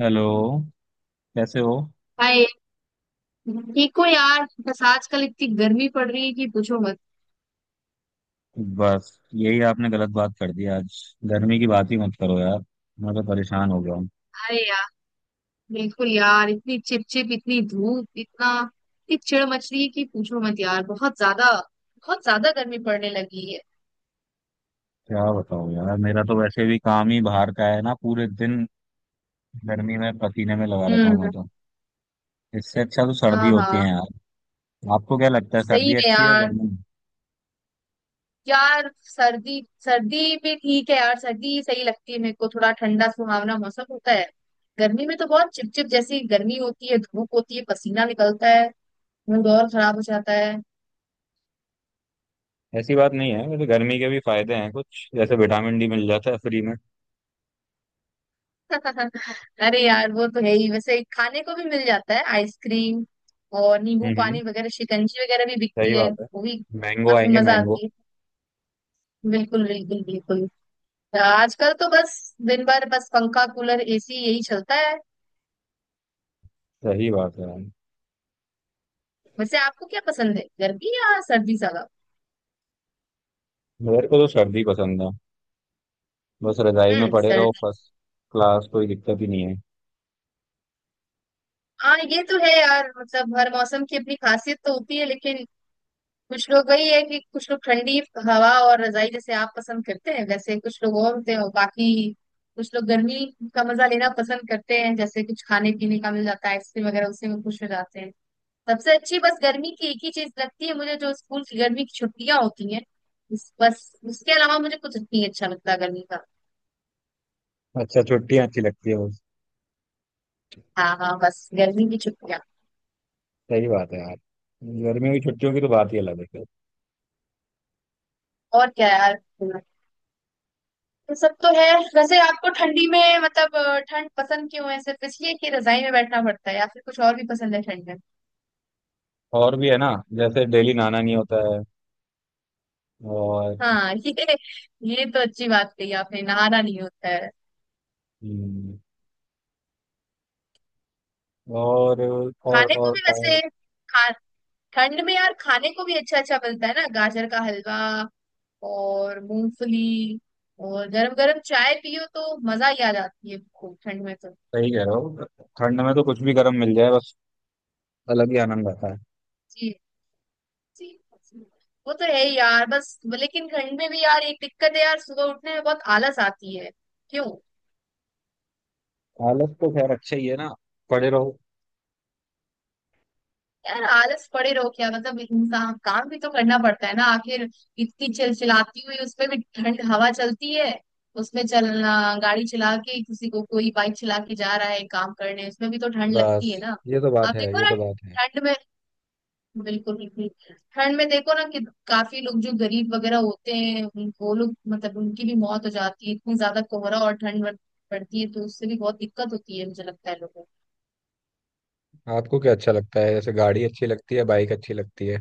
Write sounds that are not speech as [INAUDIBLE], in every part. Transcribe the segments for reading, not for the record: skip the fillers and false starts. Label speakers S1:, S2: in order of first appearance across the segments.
S1: Hello. कैसे हो?
S2: Hi. ठीक हो यार? बस आजकल इतनी गर्मी पड़ रही है कि पूछो मत।
S1: बस यही आपने गलत बात कर दी आज। गर्मी की बात ही मत करो यार। मैं तो परेशान हो गया हूँ।
S2: अरे यार, बिल्कुल यार, इतनी चिपचिप, इतनी धूप, इतना, इतनी चिड़ मच रही है कि पूछो मत यार, बहुत ज्यादा, बहुत ज्यादा गर्मी पड़ने लगी है।
S1: क्या बताऊँ यार, मेरा तो वैसे भी काम ही बाहर का है ना। पूरे दिन गर्मी में पसीने में लगा रहता हूँ
S2: हम्म।
S1: मैं तो। इससे अच्छा तो सर्दी
S2: हाँ
S1: होती
S2: हाँ।
S1: है यार। आपको क्या लगता है,
S2: सही
S1: सर्दी
S2: में
S1: अच्छी है
S2: यार,
S1: गर्मी?
S2: यार सर्दी सर्दी में ठीक है यार, सर्दी सही लगती है मेरे को, थोड़ा ठंडा सुहावना मौसम होता है। गर्मी में तो बहुत चिपचिप जैसी गर्मी होती है, धूप होती है, पसीना निकलता है, मूड और खराब हो जाता है।
S1: ऐसी बात नहीं है, वैसे गर्मी के भी फायदे हैं कुछ। जैसे विटामिन डी मिल जाता है फ्री में।
S2: अरे यार, वो तो है ही, वैसे खाने को भी मिल जाता है आइसक्रीम और नींबू
S1: हम्म, हम्म।
S2: पानी वगैरह, शिकंजी वगैरह भी बिकती
S1: सही
S2: है,
S1: बात है।
S2: वो भी
S1: मैंगो
S2: काफी
S1: आएंगे,
S2: मजा
S1: मैंगो।
S2: आती है। बिल्कुल बिल्कुल बिल्कुल। तो आजकल तो बस दिन भर बस पंखा कूलर एसी यही चलता है।
S1: सही बात है यार।
S2: वैसे आपको क्या पसंद है, गर्मी या सर्दी ज्यादा?
S1: मेरे को तो सर्दी पसंद है। बस रजाई में
S2: हम्म,
S1: पड़े रहो,
S2: सर्दी।
S1: फर्स्ट क्लास, कोई दिक्कत ही नहीं है।
S2: हाँ ये तो है यार, मतलब हर मौसम की अपनी खासियत तो होती है, लेकिन कुछ लोग वही है कि कुछ लोग ठंडी हवा और रजाई जैसे आप पसंद करते हैं वैसे, कुछ लोग और होते हैं, और बाकी कुछ लोग गर्मी का मजा लेना पसंद करते हैं, जैसे कुछ खाने पीने का मिल जाता है आइसक्रीम वगैरह, उसी में खुश हो जाते हैं। सबसे अच्छी बस गर्मी की एक ही चीज लगती है मुझे, जो स्कूल की गर्मी की छुट्टियां होती हैं। बस उसके अलावा मुझे कुछ नहीं अच्छा लगता गर्मी का।
S1: अच्छा, छुट्टियां अच्छी लगती है वो।
S2: हाँ हाँ, बस गर्मी की छुट्टियां।
S1: सही बात है यार। गर्मियों की छुट्टियों की तो बात ही अलग है फिर।
S2: और क्या यार, ये सब तो है। वैसे आपको ठंडी में मतलब ठंड पसंद क्यों है, सिर्फ इसलिए कि रजाई में बैठना पड़ता है या फिर कुछ और भी पसंद है ठंड में?
S1: और भी है ना। जैसे डेली नहाना नहीं होता है। और
S2: हाँ ये तो अच्छी बात कही आपने, नहाना नहीं होता है।
S1: हम्म, और और
S2: खाने को
S1: और,
S2: भी
S1: और
S2: वैसे, खा ठंड में यार खाने को भी अच्छा अच्छा मिलता है ना, गाजर का हलवा और मूंगफली, और गरम गरम चाय पियो तो मजा ही आ जाती है खूब ठंड में तो।
S1: सही कह रहे हो। ठंड में तो कुछ भी गर्म मिल जाए बस, अलग ही आनंद आता है।
S2: जी जी जी। वो तो है ही यार, बस लेकिन ठंड में भी यार एक दिक्कत है यार, सुबह उठने में बहुत आलस आती है। क्यों?
S1: आलस तो खैर अच्छा ही है ना, पड़े रहो
S2: यार आलस पड़े रहो क्या मतलब, इंसान काम भी तो करना पड़ता है ना आखिर, इतनी चिलचिलाती हुई उसमें भी ठंड हवा चलती है, उसमें चलना, गाड़ी चला के किसी को कोई बाइक चला के जा रहा है काम करने, उसमें भी तो ठंड
S1: बस।
S2: लगती है ना।
S1: ये तो बात
S2: आप
S1: है,
S2: देखो
S1: ये
S2: ना,
S1: तो बात है।
S2: ठंड में, बिल्कुल बिल्कुल, ठंड में देखो ना कि काफी लोग जो गरीब वगैरह होते हैं, वो लोग मतलब, उनकी भी मौत हो जाती है, इतनी ज्यादा कोहरा और ठंड पड़ती है तो उससे भी बहुत दिक्कत होती है, मुझे लगता है लोगों को।
S1: आपको क्या अच्छा लगता है, जैसे गाड़ी अच्छी लगती है बाइक अच्छी लगती है?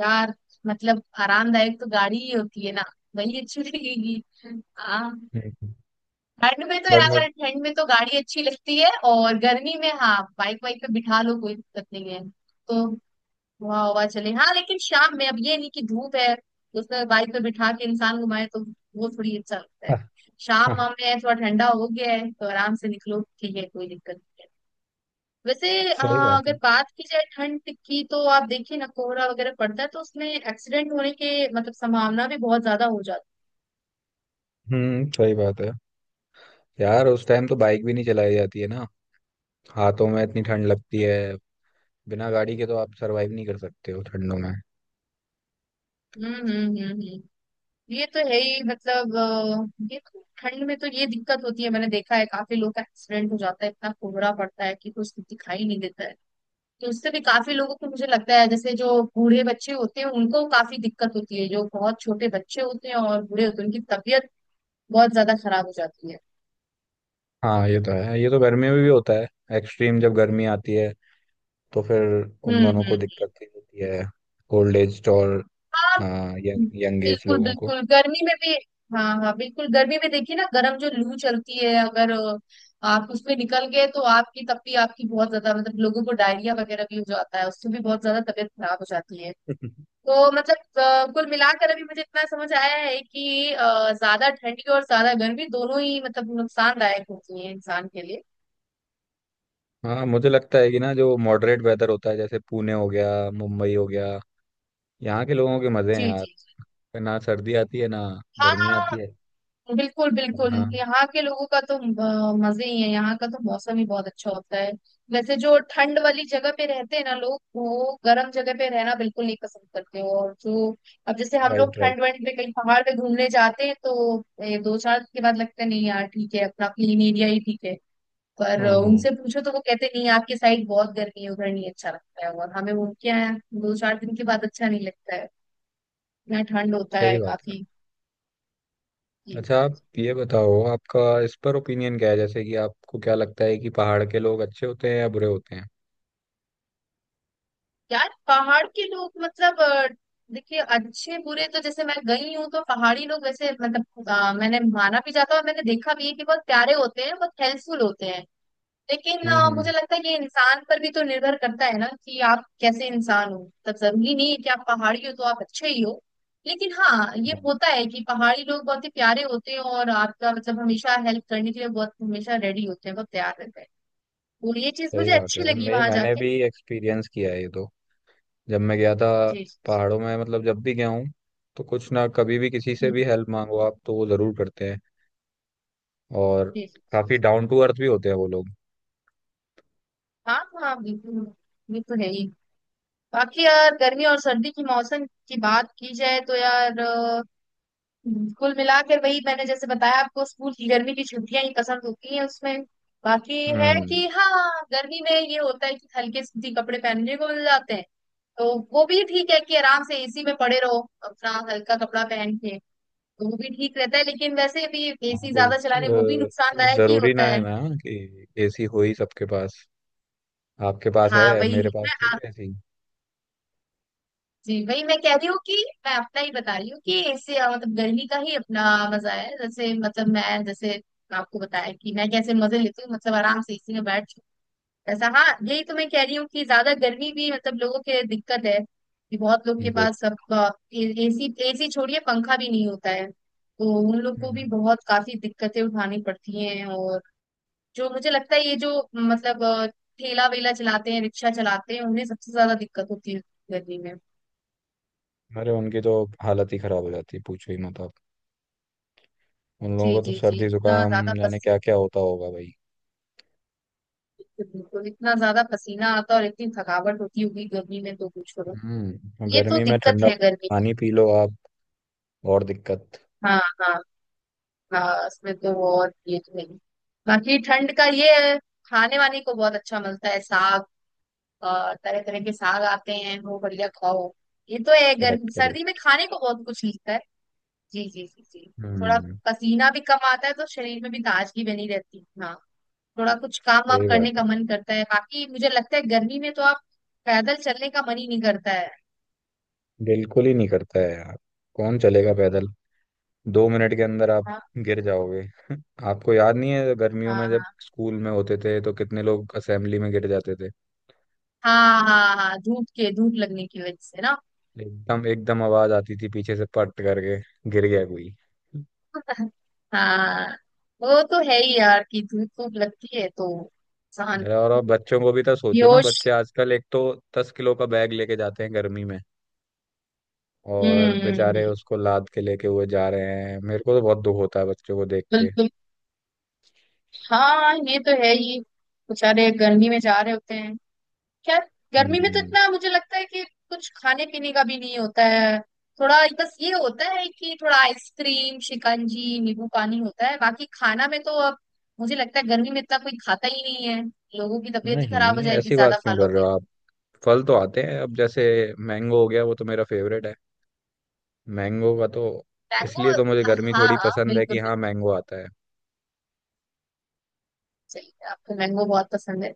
S2: यार मतलब आरामदायक तो गाड़ी ही होती है ना, वही अच्छी लगेगी। हाँ,
S1: हम्म
S2: ठंड में तो
S1: बट
S2: यार,
S1: मुझे
S2: ठंड में तो गाड़ी अच्छी लगती है, और गर्मी में हाँ बाइक वाइक पे बिठा लो कोई दिक्कत नहीं है, तो हवा, हवा चले, हाँ लेकिन शाम में, अब ये नहीं कि धूप है उसमें बाइक पे बिठा के इंसान घुमाए तो, वो थोड़ी अच्छा लगता है। शाम वाम
S1: [LAUGHS]
S2: में थोड़ा ठंडा हो गया है तो आराम से निकलो, ठीक है कोई दिक्कत। वैसे
S1: सही बात है।
S2: अगर बात की जाए ठंड की, तो आप देखिए ना कोहरा वगैरह पड़ता है तो उसमें एक्सीडेंट होने के मतलब संभावना भी बहुत ज्यादा हो जाती
S1: हम्म, सही बात है यार। उस टाइम तो बाइक भी नहीं चलाई जाती है ना। हाथों में इतनी ठंड लगती
S2: है।
S1: है। बिना गाड़ी के तो आप सरवाइव नहीं कर सकते हो ठंडों में।
S2: हम्म। ये तो है ही, मतलब ये तो ठंड में तो ये दिक्कत होती है, मैंने देखा है काफी लोग का एक्सीडेंट हो जाता है, इतना कोहरा पड़ता है कि कुछ दिखाई नहीं देता है, तो उससे भी काफी लोगों को मुझे लगता है जैसे जो बूढ़े बच्चे होते हैं उनको काफी दिक्कत होती है, जो बहुत छोटे बच्चे होते हैं और बूढ़े होते हैं उनकी तबीयत बहुत ज्यादा खराब हो जाती है।
S1: हाँ, ये तो है। ये तो गर्मियों में भी होता है। एक्सट्रीम जब गर्मी आती है तो फिर
S2: हम्म
S1: उन दोनों
S2: हम्म।
S1: को दिक्कत ही होती है। ओल्ड एज और,
S2: हाँ
S1: हाँ, यंग एज
S2: बिल्कुल
S1: लोगों को।
S2: बिल्कुल, गर्मी में भी। हाँ हाँ बिल्कुल, गर्मी में देखिए ना गर्म जो लू चलती है, अगर आप उसमें निकल गए तो आपकी तब भी आपकी बहुत ज्यादा, मतलब लोगों को डायरिया वगैरह भी हो जाता है, उससे भी बहुत ज्यादा तबीयत खराब हो जाती है।
S1: [LAUGHS]
S2: तो मतलब कुल मिलाकर अभी मुझे इतना समझ आया है कि ज्यादा ठंडी और ज्यादा गर्मी दोनों ही मतलब नुकसानदायक होती है इंसान के लिए।
S1: हाँ, मुझे लगता है कि ना, जो मॉडरेट वेदर होता है, जैसे पुणे हो गया मुंबई हो गया, यहाँ के लोगों के मजे
S2: जी
S1: हैं
S2: जी
S1: यार।
S2: जी।
S1: ना सर्दी आती है ना
S2: हाँ
S1: गर्मी आती है।
S2: हाँ। बिल्कुल बिल्कुल,
S1: अपना।
S2: यहाँ के लोगों का तो मजे ही है, यहाँ का तो मौसम ही बहुत अच्छा होता है। वैसे जो ठंड वाली जगह पे रहते हैं ना लोग, वो गर्म जगह पे रहना बिल्कुल नहीं पसंद करते हो। और जो, अब जैसे हम लोग
S1: राइट, राइट।
S2: ठंड वंड पे कहीं पहाड़ पे घूमने जाते हैं तो दो चार दिन के बाद लगता है नहीं यार ठीक है, अपना क्लीन एरिया ही ठीक है। पर
S1: हम्म, हम्म।
S2: उनसे पूछो तो वो कहते हैं, नहीं आपकी साइड बहुत गर्मी है, उधर नहीं अच्छा लगता है, और हमें उनके यहाँ दो चार दिन के बाद अच्छा नहीं लगता है, यहाँ ठंड होता
S1: सही
S2: है
S1: बात है।
S2: काफी।
S1: अच्छा, आप ये बताओ, आपका इस पर ओपिनियन क्या है? जैसे कि आपको क्या लगता है कि पहाड़ के लोग अच्छे होते हैं या बुरे होते हैं?
S2: यार पहाड़ के लोग मतलब देखिए अच्छे बुरे तो, जैसे मैं गई हूँ तो पहाड़ी लोग वैसे मतलब मैंने माना भी जाता है और मैंने देखा भी है कि बहुत प्यारे होते हैं, बहुत हेल्पफुल होते हैं, लेकिन
S1: हम्म, हम्म।
S2: मुझे लगता है ये इंसान पर भी तो निर्भर करता है ना, कि आप कैसे इंसान हो, मतलब जरूरी नहीं है कि आप पहाड़ी हो तो आप अच्छे ही हो। लेकिन हाँ ये
S1: हाँ,
S2: होता है कि पहाड़ी लोग बहुत ही प्यारे होते हैं और आपका मतलब हमेशा हेल्प करने के लिए बहुत हमेशा रेडी होते हैं, बहुत तैयार रहते हैं। और ये चीज
S1: सही
S2: मुझे
S1: बात है
S2: अच्छी
S1: यार।
S2: लगी
S1: मैं
S2: वहां
S1: मैंने
S2: जाके।
S1: भी एक्सपीरियंस किया है ये तो। जब मैं गया था
S2: जी
S1: पहाड़ों में, मतलब जब भी गया हूँ, तो कुछ ना, कभी भी किसी से
S2: जी
S1: भी हेल्प मांगो आप, तो वो जरूर करते हैं। और
S2: जी जी
S1: काफी
S2: जी।
S1: डाउन टू अर्थ भी होते हैं वो लोग।
S2: हाँ हाँ बिल्कुल, ये तो है ही। बाकी यार गर्मी और सर्दी की मौसम की बात की जाए तो यार कुल मिलाकर वही, मैंने जैसे बताया आपको, स्कूल की गर्मी की छुट्टियां ही पसंद होती हैं उसमें। बाकी है
S1: हम्म।
S2: कि हाँ गर्मी में ये होता है कि हल्के सूती कपड़े पहनने को मिल जाते हैं, तो वो भी ठीक है कि आराम से एसी में पड़े रहो अपना हल्का कपड़ा पहन के, तो वो भी ठीक रहता है। लेकिन वैसे भी
S1: हाँ
S2: एसी ज्यादा चलाने वो भी
S1: तो अ,
S2: नुकसानदायक ही
S1: जरूरी
S2: होता
S1: ना है
S2: है।
S1: ना कि एसी हो ही सबके पास। आपके पास
S2: हाँ
S1: है,
S2: वही
S1: मेरे
S2: मैं,
S1: पास थोड़ी है ऐसी।
S2: जी वही मैं कह रही हूँ कि मैं अपना ही बता रही हूँ कि इससे मतलब गर्मी का ही अपना मजा है, जैसे मतलब मैं जैसे आपको बताया कि मैं कैसे मजे लेती हूँ, मतलब आराम से इसी में बैठ, ऐसा, हाँ यही तो मैं कह रही हूँ कि ज्यादा गर्मी भी मतलब लोगों के दिक्कत है कि बहुत लोग के पास सब, एसी एसी छोड़िए पंखा भी नहीं होता है, तो उन लोग को
S1: गुड।
S2: भी बहुत काफी दिक्कतें उठानी पड़ती हैं। और जो मुझे लगता है ये जो मतलब ठेला वेला चलाते हैं, रिक्शा चलाते हैं, उन्हें सबसे ज्यादा दिक्कत होती है गर्मी में।
S1: अरे, उनकी तो हालत ही खराब हो जाती है, पूछो ही मत आप। उन लोगों
S2: जी
S1: को तो
S2: जी जी,
S1: सर्दी
S2: इतना
S1: जुकाम
S2: ज्यादा
S1: जाने क्या
S2: पसीना,
S1: क्या होता होगा भाई।
S2: बिल्कुल इतना ज्यादा पसीना आता और इतनी थकावट होती होगी गर्मी में, तो कुछ करो, ये तो
S1: गर्मी में
S2: दिक्कत
S1: ठंडा
S2: है गर्मी की।
S1: पानी पी लो आप, और दिक्कत,
S2: हाँ हाँ। हाँ, इसमें तो और ये तो नहीं। बाकी ठंड का ये है, खाने वाने को बहुत अच्छा मिलता है, साग, तरह तरह के साग आते हैं, वो बढ़िया खाओ। ये तो है,
S1: करेक्ट,
S2: गर्मी
S1: करे।
S2: सर्दी में खाने को बहुत कुछ मिलता है। जी जी जी जी। थोड़ा
S1: हम्म,
S2: पसीना भी कम आता है तो शरीर में भी ताजगी बनी रहती है, हाँ, थोड़ा कुछ काम वाम
S1: सही बात
S2: करने का
S1: है।
S2: मन करता है। बाकी मुझे लगता है गर्मी में तो आप पैदल चलने का मन ही नहीं करता है।
S1: बिल्कुल ही नहीं करता है यार। कौन चलेगा पैदल? 2 मिनट के अंदर आप
S2: हाँ
S1: गिर जाओगे [LAUGHS] आपको याद नहीं है गर्मियों
S2: हाँ।
S1: में जब
S2: हाँ
S1: स्कूल में होते थे तो कितने लोग असेंबली में गिर जाते थे?
S2: हाँ हाँ, हाँ, धूप के, धूप लगने की वजह से ना।
S1: एकदम, एकदम आवाज आती थी पीछे से, पट करके गिर गया कोई।
S2: हाँ, वो तो है ही यार कि धूप खूब लगती है तो इंसान
S1: अरे, और अब बच्चों को भी तो सोचो ना,
S2: बेहोश।
S1: बच्चे आजकल एक तो 10 किलो का बैग लेके जाते हैं गर्मी में।
S2: हम्म
S1: और
S2: हम्म, हम्म,
S1: बेचारे उसको लाद के लेके हुए जा रहे हैं, मेरे को तो बहुत दुख होता है बच्चों को देख के।
S2: बिल्कुल। हाँ ये तो है ही, बेचारे गर्मी में जा रहे होते हैं। खैर, गर्मी में तो
S1: हम्म।
S2: इतना मुझे लगता है कि कुछ खाने पीने का भी नहीं होता है, थोड़ा बस ये होता है कि थोड़ा आइसक्रीम शिकंजी नींबू पानी होता है, बाकी खाना में तो अब मुझे लगता है गर्मी में इतना कोई खाता ही नहीं है, लोगों की तबीयत ही खराब
S1: नहीं,
S2: हो जाएगी
S1: ऐसी बात
S2: ज्यादा खा
S1: क्यों कर रहे हो
S2: लोगे।
S1: आप? फल तो आते हैं अब, जैसे मैंगो हो गया, वो तो मेरा फेवरेट है। मैंगो का तो,
S2: मैंगो।
S1: इसलिए तो मुझे
S2: हाँ
S1: गर्मी थोड़ी
S2: हाँ
S1: पसंद है
S2: बिल्कुल
S1: कि हाँ,
S2: बिल्कुल,
S1: मैंगो आता है।
S2: सही है आपको मैंगो बहुत पसंद है।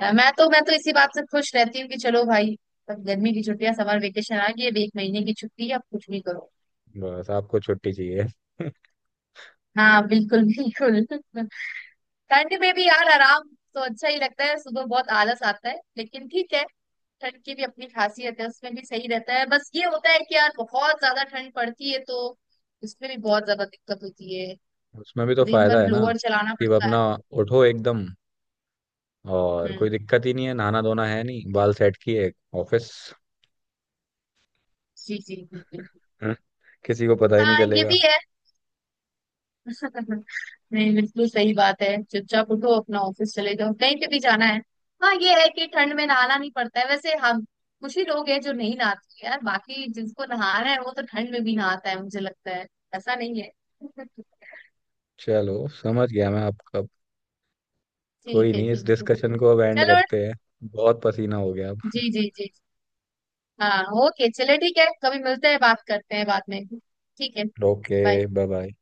S2: मैं तो, मैं तो इसी बात से खुश रहती हूँ कि चलो भाई अब गर्मी की छुट्टियां, समर वेकेशन आ गई है, अब 1 महीने की छुट्टी है अब कुछ भी करो।
S1: बस, आपको छुट्टी चाहिए
S2: हाँ बिल्कुल बिल्कुल [LAUGHS] ठंड में भी यार आराम तो अच्छा ही लगता है, सुबह बहुत आलस आता है लेकिन ठीक है, ठंड की भी अपनी खासियत है, उसमें भी सही रहता है, बस ये होता है कि यार बहुत ज्यादा ठंड पड़ती है तो उसमें भी बहुत ज्यादा दिक्कत होती है,
S1: [LAUGHS] उसमें भी तो
S2: दिन
S1: फायदा
S2: भर
S1: है ना,
S2: ब्लोअर चलाना
S1: कि
S2: पड़ता है।
S1: अपना उठो एकदम और कोई
S2: हम्म।
S1: दिक्कत ही नहीं है। नहाना धोना है नहीं, बाल सेट किए, ऑफिस।
S2: जी जी बिल्कुल।
S1: हम्म। किसी को पता ही नहीं
S2: हाँ ये
S1: चलेगा।
S2: भी है, नहीं बिल्कुल सही बात है, चुपचाप उठो अपना ऑफिस चले जाओ कहीं पे भी जाना है। हाँ ये है कि ठंड में नहाना नहीं पड़ता है वैसे, हम कुछ ही लोग हैं जो नहीं नहाते यार, बाकी जिसको नहाना है वो तो ठंड में भी नहाता है मुझे लगता है, ऐसा नहीं है।
S1: चलो, समझ गया मैं आपका।
S2: ठीक
S1: कोई
S2: है
S1: नहीं, इस
S2: ठीक है,
S1: डिस्कशन को अब एंड
S2: चलो।
S1: करते हैं। बहुत पसीना हो गया
S2: जी
S1: अब
S2: जी जी। हाँ ओके चले, ठीक है कभी मिलते हैं बात करते हैं बाद में, ठीक है।
S1: [LAUGHS] ओके।
S2: bye।
S1: Bye bye.